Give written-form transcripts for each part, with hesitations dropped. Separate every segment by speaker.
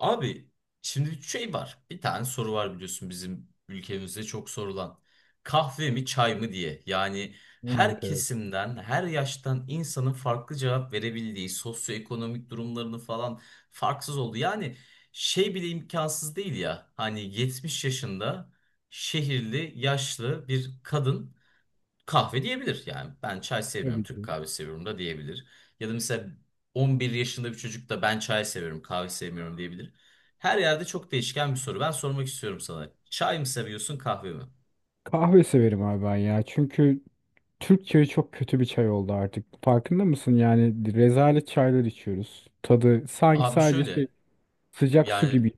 Speaker 1: Abi, şimdi bir şey var. Bir tane soru var biliyorsun, bizim ülkemizde çok sorulan. Kahve mi çay mı diye. Yani
Speaker 2: Evet
Speaker 1: her
Speaker 2: evet.
Speaker 1: kesimden, her yaştan insanın farklı cevap verebildiği, sosyoekonomik durumlarını falan farksız oldu. Yani şey bile imkansız değil ya. Hani 70 yaşında şehirli, yaşlı bir kadın kahve diyebilir, yani ben çay sevmiyorum
Speaker 2: Tabii
Speaker 1: Türk
Speaker 2: ki.
Speaker 1: kahvesi seviyorum da diyebilir. Ya da mesela 11 yaşında bir çocuk da ben çay seviyorum kahve sevmiyorum diyebilir. Her yerde çok değişken bir soru. Ben sormak istiyorum sana. Çay mı seviyorsun kahve mi?
Speaker 2: Kahve severim abi ben ya. Çünkü Türk çayı çok kötü bir çay oldu artık. Farkında mısın? Yani rezalet çaylar içiyoruz. Tadı sanki
Speaker 1: Abi
Speaker 2: sadece şey,
Speaker 1: şöyle,
Speaker 2: sıcak su
Speaker 1: yani
Speaker 2: gibi.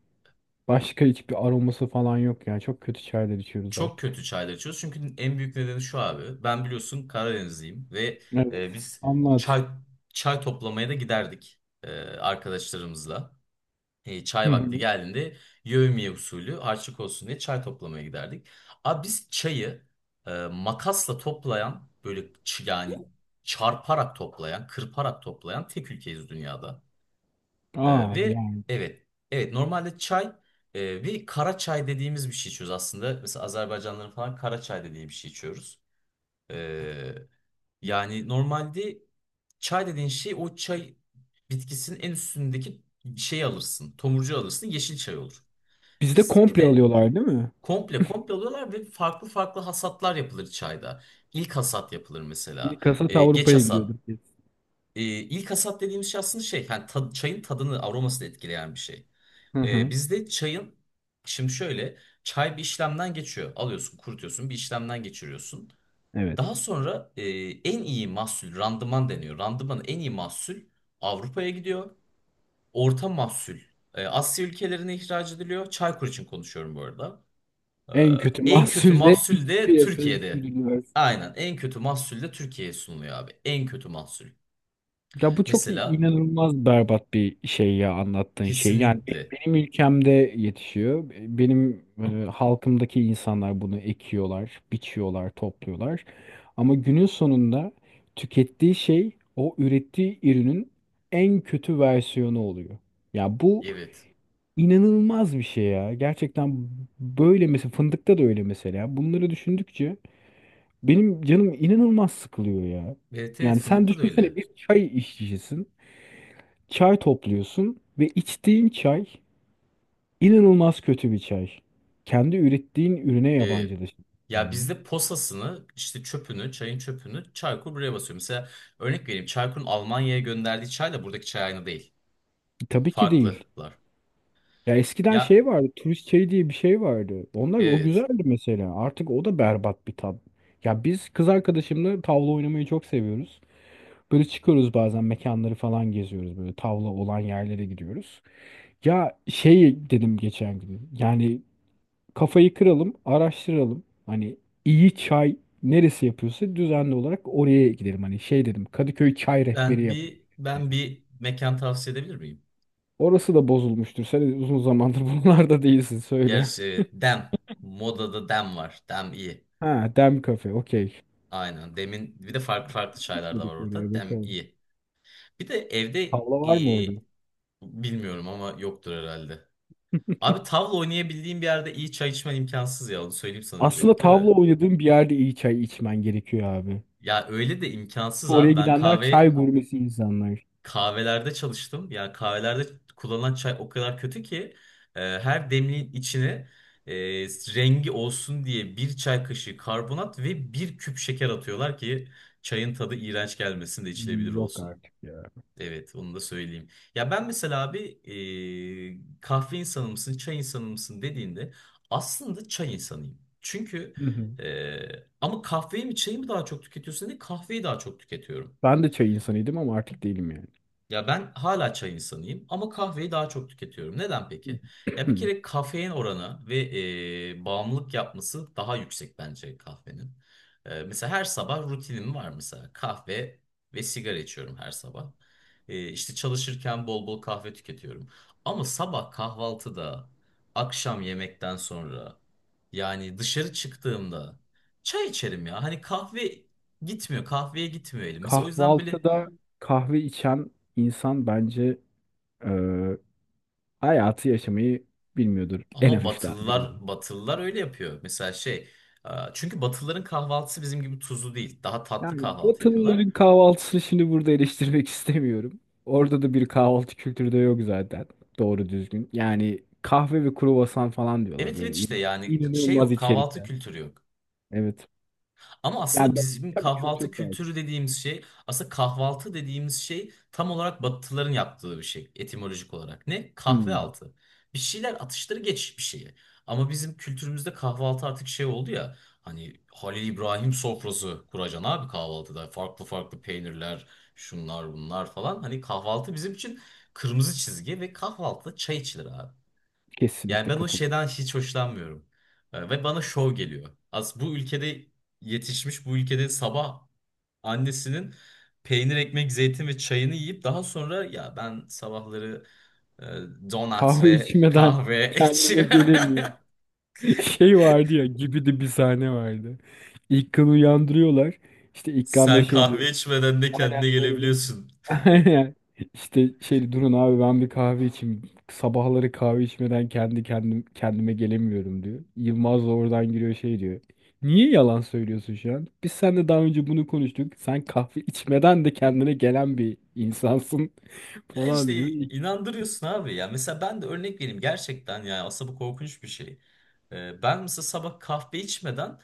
Speaker 2: Başka hiçbir aroması falan yok yani. Çok kötü çaylar içiyoruz
Speaker 1: çok
Speaker 2: artık.
Speaker 1: kötü çaylar içiyoruz. Çünkü en büyük nedeni şu abi. Ben biliyorsun Karadenizliyim ve
Speaker 2: Evet.
Speaker 1: biz
Speaker 2: Anlat.
Speaker 1: çay çay toplamaya da giderdik arkadaşlarımızla. E,
Speaker 2: Hı
Speaker 1: çay vakti
Speaker 2: hı.
Speaker 1: geldiğinde yevmiye usulü harçlık olsun diye çay toplamaya giderdik. Abi biz çayı makasla toplayan böyle yani çarparak toplayan, kırparak toplayan tek ülkeyiz dünyada. E,
Speaker 2: Aa
Speaker 1: ve
Speaker 2: yani.
Speaker 1: evet, evet, normalde çay, ve kara çay dediğimiz bir şey içiyoruz aslında. Mesela Azerbaycanlıların falan kara çay dediği bir şey içiyoruz. Ee, yani normalde çay dediğin şey o çay bitkisinin en üstündeki şeyi alırsın. Tomurcu alırsın yeşil çay olur.
Speaker 2: Bizde
Speaker 1: Biz bir
Speaker 2: komple
Speaker 1: de
Speaker 2: alıyorlar değil mi?
Speaker 1: komple komple alıyorlar ve farklı farklı hasatlar yapılır çayda. İlk hasat yapılır mesela.
Speaker 2: İlk hasat
Speaker 1: Geç
Speaker 2: Avrupa'ya
Speaker 1: hasat.
Speaker 2: gidiyorduk biz.
Speaker 1: İlk hasat dediğimiz şey aslında şey, yani çayın tadını aromasını etkileyen bir şey.
Speaker 2: Hı
Speaker 1: Ee,
Speaker 2: hı.
Speaker 1: bizde çayın şimdi şöyle çay bir işlemden geçiyor. Alıyorsun, kurutuyorsun, bir işlemden geçiriyorsun.
Speaker 2: Evet.
Speaker 1: Daha sonra en iyi mahsul randıman deniyor. Randımanın en iyi mahsul Avrupa'ya gidiyor. Orta mahsul Asya ülkelerine ihraç ediliyor. Çaykur için konuşuyorum bu arada.
Speaker 2: En kötü
Speaker 1: E, en kötü
Speaker 2: mahsul de
Speaker 1: mahsul
Speaker 2: iç
Speaker 1: de
Speaker 2: piyasaya
Speaker 1: Türkiye'de.
Speaker 2: sürülüyor.
Speaker 1: Aynen, en kötü mahsul de Türkiye'ye sunuluyor abi. En kötü mahsul.
Speaker 2: Ya bu çok
Speaker 1: Mesela
Speaker 2: inanılmaz berbat bir şey ya anlattığın şey. Yani
Speaker 1: kesinlikle
Speaker 2: benim ülkemde yetişiyor. Benim halkımdaki insanlar bunu ekiyorlar, biçiyorlar, topluyorlar. Ama günün sonunda tükettiği şey o ürettiği ürünün en kötü versiyonu oluyor. Ya bu
Speaker 1: evet.
Speaker 2: inanılmaz bir şey ya. Gerçekten böyle mesela fındıkta da öyle mesela. Bunları düşündükçe benim canım inanılmaz sıkılıyor ya.
Speaker 1: Evet evet,
Speaker 2: Yani sen
Speaker 1: fındıkta da
Speaker 2: düşünsene
Speaker 1: öyle.
Speaker 2: bir çay işçisisin. Çay topluyorsun ve içtiğin çay inanılmaz kötü bir çay. Kendi ürettiğin ürüne
Speaker 1: E,
Speaker 2: yabancılaşıyorsun.
Speaker 1: ya bizde posasını işte çöpünü çayın çöpünü Çaykur buraya basıyor. Mesela örnek vereyim, Çaykur'un Almanya'ya gönderdiği çayla buradaki çay aynı değil.
Speaker 2: Tabii ki değil.
Speaker 1: Farklılar.
Speaker 2: Ya eskiden
Speaker 1: Ya
Speaker 2: şey vardı, turist çayı diye bir şey vardı. Onlar o
Speaker 1: evet,
Speaker 2: güzeldi mesela. Artık o da berbat bir tat. Ya biz kız arkadaşımla tavla oynamayı çok seviyoruz. Böyle çıkıyoruz bazen mekanları falan geziyoruz. Böyle tavla olan yerlere gidiyoruz. Ya şey dedim geçen gün. Yani kafayı kıralım, araştıralım. Hani iyi çay neresi yapıyorsa düzenli olarak oraya gidelim. Hani şey dedim Kadıköy çay rehberi
Speaker 1: ben
Speaker 2: yap.
Speaker 1: bir ben bir mekan tavsiye edebilir miyim?
Speaker 2: Orası da bozulmuştur. Sen uzun zamandır buralarda değilsin söyle.
Speaker 1: Gerçi Dem modada Dem var. Dem iyi.
Speaker 2: Ha, Dem kafe. Okey.
Speaker 1: Aynen, Dem'in bir de farklı farklı çaylar da
Speaker 2: Gitmedik
Speaker 1: var
Speaker 2: oraya
Speaker 1: orada. Dem
Speaker 2: bakalım.
Speaker 1: iyi. Bir de evde
Speaker 2: Tavla var mı orada?
Speaker 1: e, bilmiyorum ama yoktur herhalde. Abi tavla oynayabildiğim bir yerde iyi çay içmen imkansız ya. Onu söyleyeyim sana
Speaker 2: Aslında
Speaker 1: öncelikle
Speaker 2: tavla
Speaker 1: de.
Speaker 2: oynadığın bir yerde iyi çay içmen gerekiyor abi.
Speaker 1: Ya öyle de imkansız
Speaker 2: Oraya
Speaker 1: abi. Ben
Speaker 2: gidenler çay gurmesi insanlar.
Speaker 1: kahvelerde çalıştım. Ya kahvelerde kullanılan çay o kadar kötü ki her demliğin içine e, rengi olsun diye bir çay kaşığı karbonat ve bir küp şeker atıyorlar ki çayın tadı iğrenç gelmesin de
Speaker 2: Hmm,
Speaker 1: içilebilir
Speaker 2: yok
Speaker 1: olsun.
Speaker 2: artık ya.
Speaker 1: Evet, onu da söyleyeyim. Ya ben mesela abi kahve insanı mısın, çay insanı mısın dediğinde aslında çay insanıyım.
Speaker 2: Hı hı.
Speaker 1: E, ama kahveyi mi çayı mı daha çok tüketiyorsun diye kahveyi daha çok tüketiyorum.
Speaker 2: Ben de çay insanıydım ama artık değilim yani.
Speaker 1: Ya ben hala çay insanıyım ama kahveyi daha çok tüketiyorum. Neden peki? Ya bir kere kafein oranı ve bağımlılık yapması daha yüksek bence kahvenin. Mesela her sabah rutinim var, mesela kahve ve sigara içiyorum her sabah. E, işte çalışırken bol bol kahve tüketiyorum. Ama sabah kahvaltıda, akşam yemekten sonra, yani dışarı çıktığımda çay içerim ya. Hani kahve gitmiyor, kahveye gitmiyor elim. Mesela o yüzden böyle.
Speaker 2: Kahvaltıda kahve içen insan bence e, hayatı yaşamayı bilmiyordur en
Speaker 1: Ama
Speaker 2: hafiften
Speaker 1: Batılılar
Speaker 2: biriyle.
Speaker 1: Batılılar öyle yapıyor. Mesela şey, çünkü Batılıların kahvaltısı bizim gibi tuzlu değil. Daha tatlı
Speaker 2: Yani
Speaker 1: kahvaltı yapıyorlar.
Speaker 2: Batılıların kahvaltısını şimdi burada eleştirmek istemiyorum. Orada da bir kahvaltı kültürü de yok zaten doğru düzgün. Yani kahve ve kruvasan falan diyorlar
Speaker 1: Evet
Speaker 2: böyle
Speaker 1: evet, işte yani şey
Speaker 2: inanılmaz
Speaker 1: yok, kahvaltı
Speaker 2: içerikler.
Speaker 1: kültürü yok.
Speaker 2: Evet.
Speaker 1: Ama aslında
Speaker 2: Yani ben,
Speaker 1: bizim
Speaker 2: tabii
Speaker 1: kahvaltı
Speaker 2: kültür farkı.
Speaker 1: kültürü dediğimiz şey, aslında kahvaltı dediğimiz şey tam olarak Batılıların yaptığı bir şey etimolojik olarak. Ne? Kahve
Speaker 2: Hmm,
Speaker 1: altı. Bir şeyler atıştırı geç bir şeyi. Ama bizim kültürümüzde kahvaltı artık şey oldu ya. Hani Halil İbrahim sofrası kuracaksın abi kahvaltıda. Farklı farklı peynirler, şunlar bunlar falan. Hani kahvaltı bizim için kırmızı çizgi ve kahvaltıda çay içilir abi. Yani
Speaker 2: kesinlikle
Speaker 1: ben o
Speaker 2: katılıyorum.
Speaker 1: şeyden hiç hoşlanmıyorum. Ve bana şov geliyor. Az bu ülkede yetişmiş, bu ülkede sabah annesinin peynir, ekmek, zeytin ve çayını yiyip daha sonra ya ben sabahları e, donat
Speaker 2: Kahve
Speaker 1: ve
Speaker 2: içmeden
Speaker 1: kahve
Speaker 2: kendime
Speaker 1: içiyorum.
Speaker 2: gelemiyorum. Şey vardı ya gibi de bir sahne vardı. İlkan'ı uyandırıyorlar. İşte İlkan da
Speaker 1: Sen
Speaker 2: şey diyor.
Speaker 1: kahve içmeden de
Speaker 2: Aynen
Speaker 1: kendine
Speaker 2: öyle.
Speaker 1: gelebiliyorsun.
Speaker 2: Aynen. İşte şey durun abi ben bir kahve içeyim. Sabahları kahve içmeden kendi kendime gelemiyorum diyor. Yılmaz da oradan giriyor şey diyor. Niye yalan söylüyorsun şu an? Biz seninle daha önce bunu konuştuk. Sen kahve içmeden de kendine gelen bir insansın
Speaker 1: Ya
Speaker 2: falan
Speaker 1: işte
Speaker 2: diyor.
Speaker 1: inandırıyorsun abi ya. Mesela ben de örnek vereyim gerçekten, ya aslında bu korkunç bir şey. Ben mesela sabah kahve içmeden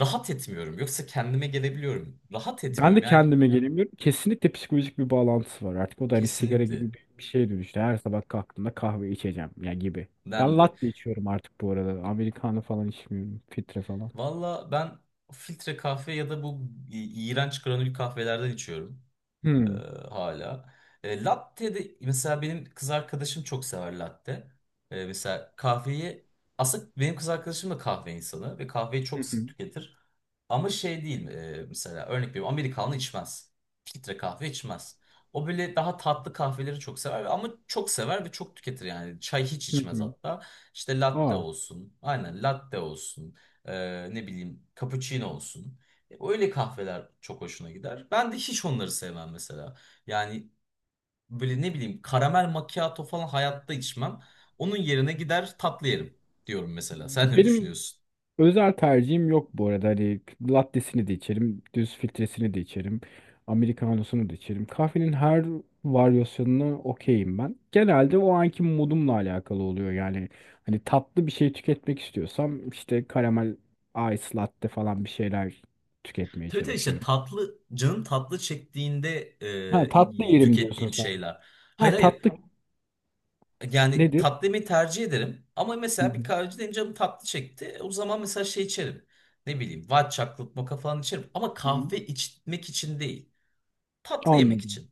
Speaker 1: rahat etmiyorum. Yoksa kendime gelebiliyorum. Rahat
Speaker 2: Ben
Speaker 1: etmiyorum
Speaker 2: de
Speaker 1: yani,
Speaker 2: kendime gelemiyorum. Kesinlikle psikolojik bir bağlantısı var. Artık o da hani sigara
Speaker 1: kesinlikle
Speaker 2: gibi bir şeye dönüştü. Her sabah kalktığımda kahve içeceğim ya gibi. Ben
Speaker 1: dendi.
Speaker 2: latte içiyorum artık bu arada. Americano falan içmiyorum. Filtre falan.
Speaker 1: Valla ben filtre kahve ya da bu iğrenç granül kahvelerden içiyorum. Ee,
Speaker 2: Hmm.
Speaker 1: hala. Latte de mesela benim kız arkadaşım çok sever latte. Mesela kahveyi aslında benim kız arkadaşım da kahve insanı ve kahveyi
Speaker 2: Hı
Speaker 1: çok sık
Speaker 2: hı.
Speaker 1: tüketir. Ama şey değil, mesela örnek veriyorum, Amerikanlı içmez. Filtre kahve içmez. O böyle daha tatlı kahveleri çok sever, ama çok sever ve çok tüketir yani. Çay hiç
Speaker 2: Hı
Speaker 1: içmez
Speaker 2: hı.
Speaker 1: hatta. İşte latte
Speaker 2: Aa.
Speaker 1: olsun. Aynen latte olsun. Ne bileyim cappuccino olsun. Öyle kahveler çok hoşuna gider. Ben de hiç onları sevmem mesela. Yani böyle ne bileyim karamel macchiato falan hayatta içmem. Onun yerine gider tatlı yerim diyorum mesela. Sen ne
Speaker 2: Benim
Speaker 1: düşünüyorsun?
Speaker 2: özel tercihim yok bu arada. Hani lattesini de içerim, düz filtresini de içerim, americanosunu da içerim. Kahvenin her varyasyonuna okeyim ben. Genelde o anki modumla alakalı oluyor. Yani hani tatlı bir şey tüketmek istiyorsam işte karamel ice latte falan bir şeyler tüketmeye
Speaker 1: Tabii tabii, işte
Speaker 2: çalışıyorum.
Speaker 1: tatlı, canım tatlı çektiğinde
Speaker 2: Ha tatlı yerim diyorsun
Speaker 1: tükettiğim
Speaker 2: sen.
Speaker 1: şeyler. Hayır
Speaker 2: Ha
Speaker 1: hayır.
Speaker 2: tatlı
Speaker 1: Yani
Speaker 2: nedir?
Speaker 1: tatlı yemeği tercih ederim. Ama
Speaker 2: Hı
Speaker 1: mesela bir
Speaker 2: hı.
Speaker 1: kahveciden canım tatlı çekti. O zaman mesela şey içerim. Ne bileyim, white chocolate mocha falan içerim. Ama
Speaker 2: Hı hı.
Speaker 1: kahve içmek için değil. Tatlı yemek
Speaker 2: Anladım.
Speaker 1: için.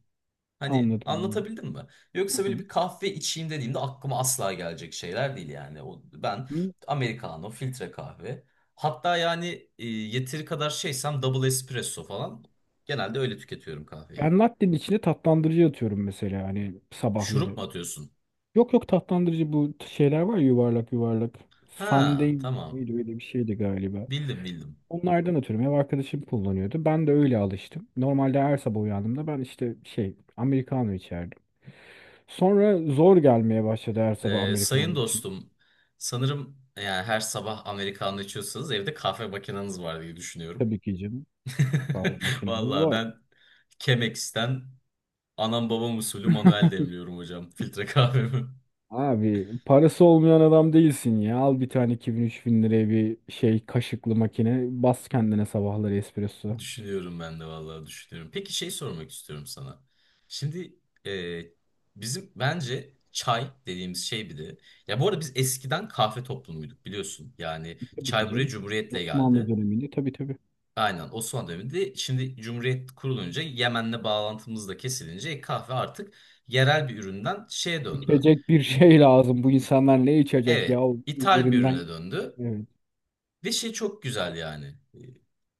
Speaker 1: Hani
Speaker 2: Anladım.
Speaker 1: anlatabildim mi?
Speaker 2: Hı
Speaker 1: Yoksa böyle
Speaker 2: hı.
Speaker 1: bir kahve içeyim dediğimde aklıma asla gelecek şeyler değil yani. O, ben
Speaker 2: Hı.
Speaker 1: Americano, filtre kahve. Hatta yani yeteri kadar şeysem double espresso falan. Genelde öyle tüketiyorum kahveyi.
Speaker 2: Ben latte'nin içine tatlandırıcı atıyorum mesela hani
Speaker 1: Şurup
Speaker 2: sabahları.
Speaker 1: mu atıyorsun?
Speaker 2: Yok yok tatlandırıcı bu şeyler var ya, yuvarlak yuvarlak. Sunday
Speaker 1: Ha,
Speaker 2: miydi
Speaker 1: tamam.
Speaker 2: neydi, öyle bir şeydi galiba.
Speaker 1: Bildim bildim.
Speaker 2: Onlardan ötürü ev arkadaşım kullanıyordu. Ben de öyle alıştım. Normalde her sabah uyandığımda ben işte şey Americano içerdim. Sonra zor gelmeye başladı her sabah
Speaker 1: Sayın
Speaker 2: Americano için.
Speaker 1: dostum, sanırım yani her sabah Americano içiyorsanız evde kahve makineniz var diye düşünüyorum.
Speaker 2: Tabii ki canım, kahve makinamız
Speaker 1: Vallahi
Speaker 2: var.
Speaker 1: ben Chemex'ten anam babam usulü manuel demliyorum hocam. Filtre kahvemi.
Speaker 2: Abi parası olmayan adam değilsin ya. Al bir tane 2.000-3.000 liraya bir şey kaşıklı makine. Bas kendine sabahları espresso.
Speaker 1: Düşünüyorum ben de vallahi düşünüyorum. Peki şey sormak istiyorum sana. Şimdi e, bizim bence çay dediğimiz şey bir de. Ya bu arada biz eskiden kahve toplumuyduk biliyorsun. Yani
Speaker 2: Tabii ki
Speaker 1: çay buraya
Speaker 2: canım.
Speaker 1: Cumhuriyet'le
Speaker 2: Osmanlı
Speaker 1: geldi.
Speaker 2: döneminde tabii tabii.
Speaker 1: Aynen, Osmanlı döneminde şimdi Cumhuriyet kurulunca Yemen'le bağlantımız da kesilince kahve artık yerel bir üründen şeye döndü.
Speaker 2: İçecek bir
Speaker 1: İ-
Speaker 2: şey lazım. Bu insanlar ne içecek ya?
Speaker 1: evet,
Speaker 2: O
Speaker 1: ithal bir ürüne
Speaker 2: Üzerinden.
Speaker 1: döndü.
Speaker 2: Evet.
Speaker 1: Ve şey çok güzel yani. E,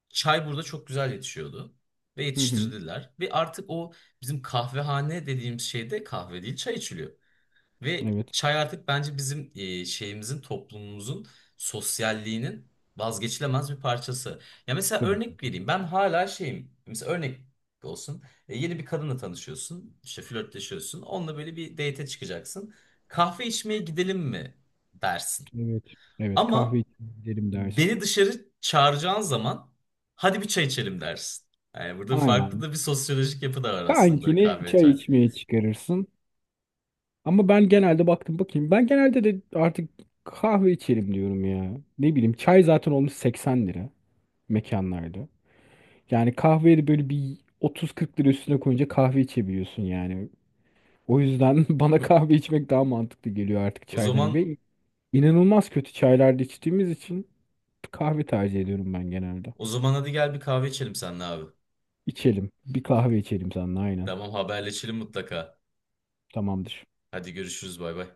Speaker 1: Çay burada çok güzel yetişiyordu. Ve
Speaker 2: Hı hı.
Speaker 1: yetiştirdiler. Ve artık o bizim kahvehane dediğimiz şeyde kahve değil çay içiliyor. Ve
Speaker 2: Evet.
Speaker 1: çay artık bence bizim şeyimizin toplumumuzun sosyalliğinin vazgeçilemez bir parçası. Ya mesela
Speaker 2: Tabii ki.
Speaker 1: örnek vereyim. Ben hala şeyim. Mesela örnek olsun. Yeni bir kadınla tanışıyorsun. İşte flörtleşiyorsun. Onunla böyle bir date'e çıkacaksın. Kahve içmeye gidelim mi dersin.
Speaker 2: Evet. Evet.
Speaker 1: Ama
Speaker 2: Kahve içelim dersin.
Speaker 1: beni dışarı çağıracağın zaman hadi bir çay içelim dersin. Yani burada farklı
Speaker 2: Aynen.
Speaker 1: da bir sosyolojik yapı da var aslında
Speaker 2: Kankini
Speaker 1: kahve
Speaker 2: çay
Speaker 1: çay.
Speaker 2: içmeye çıkarırsın. Ama ben genelde baktım bakayım. Ben genelde de artık kahve içelim diyorum ya. Ne bileyim çay zaten olmuş 80 lira mekanlarda. Yani kahveye de böyle bir 30-40 lira üstüne koyunca kahve içebiliyorsun yani. O yüzden bana kahve içmek daha mantıklı geliyor artık
Speaker 1: O
Speaker 2: çaydan.
Speaker 1: zaman
Speaker 2: Ve İnanılmaz kötü çaylarda içtiğimiz için kahve tercih ediyorum ben genelde.
Speaker 1: o zaman hadi gel bir kahve içelim seninle abi.
Speaker 2: İçelim. Bir kahve içelim seninle aynen.
Speaker 1: Tamam, haberleşelim mutlaka.
Speaker 2: Tamamdır.
Speaker 1: Hadi görüşürüz bay bay.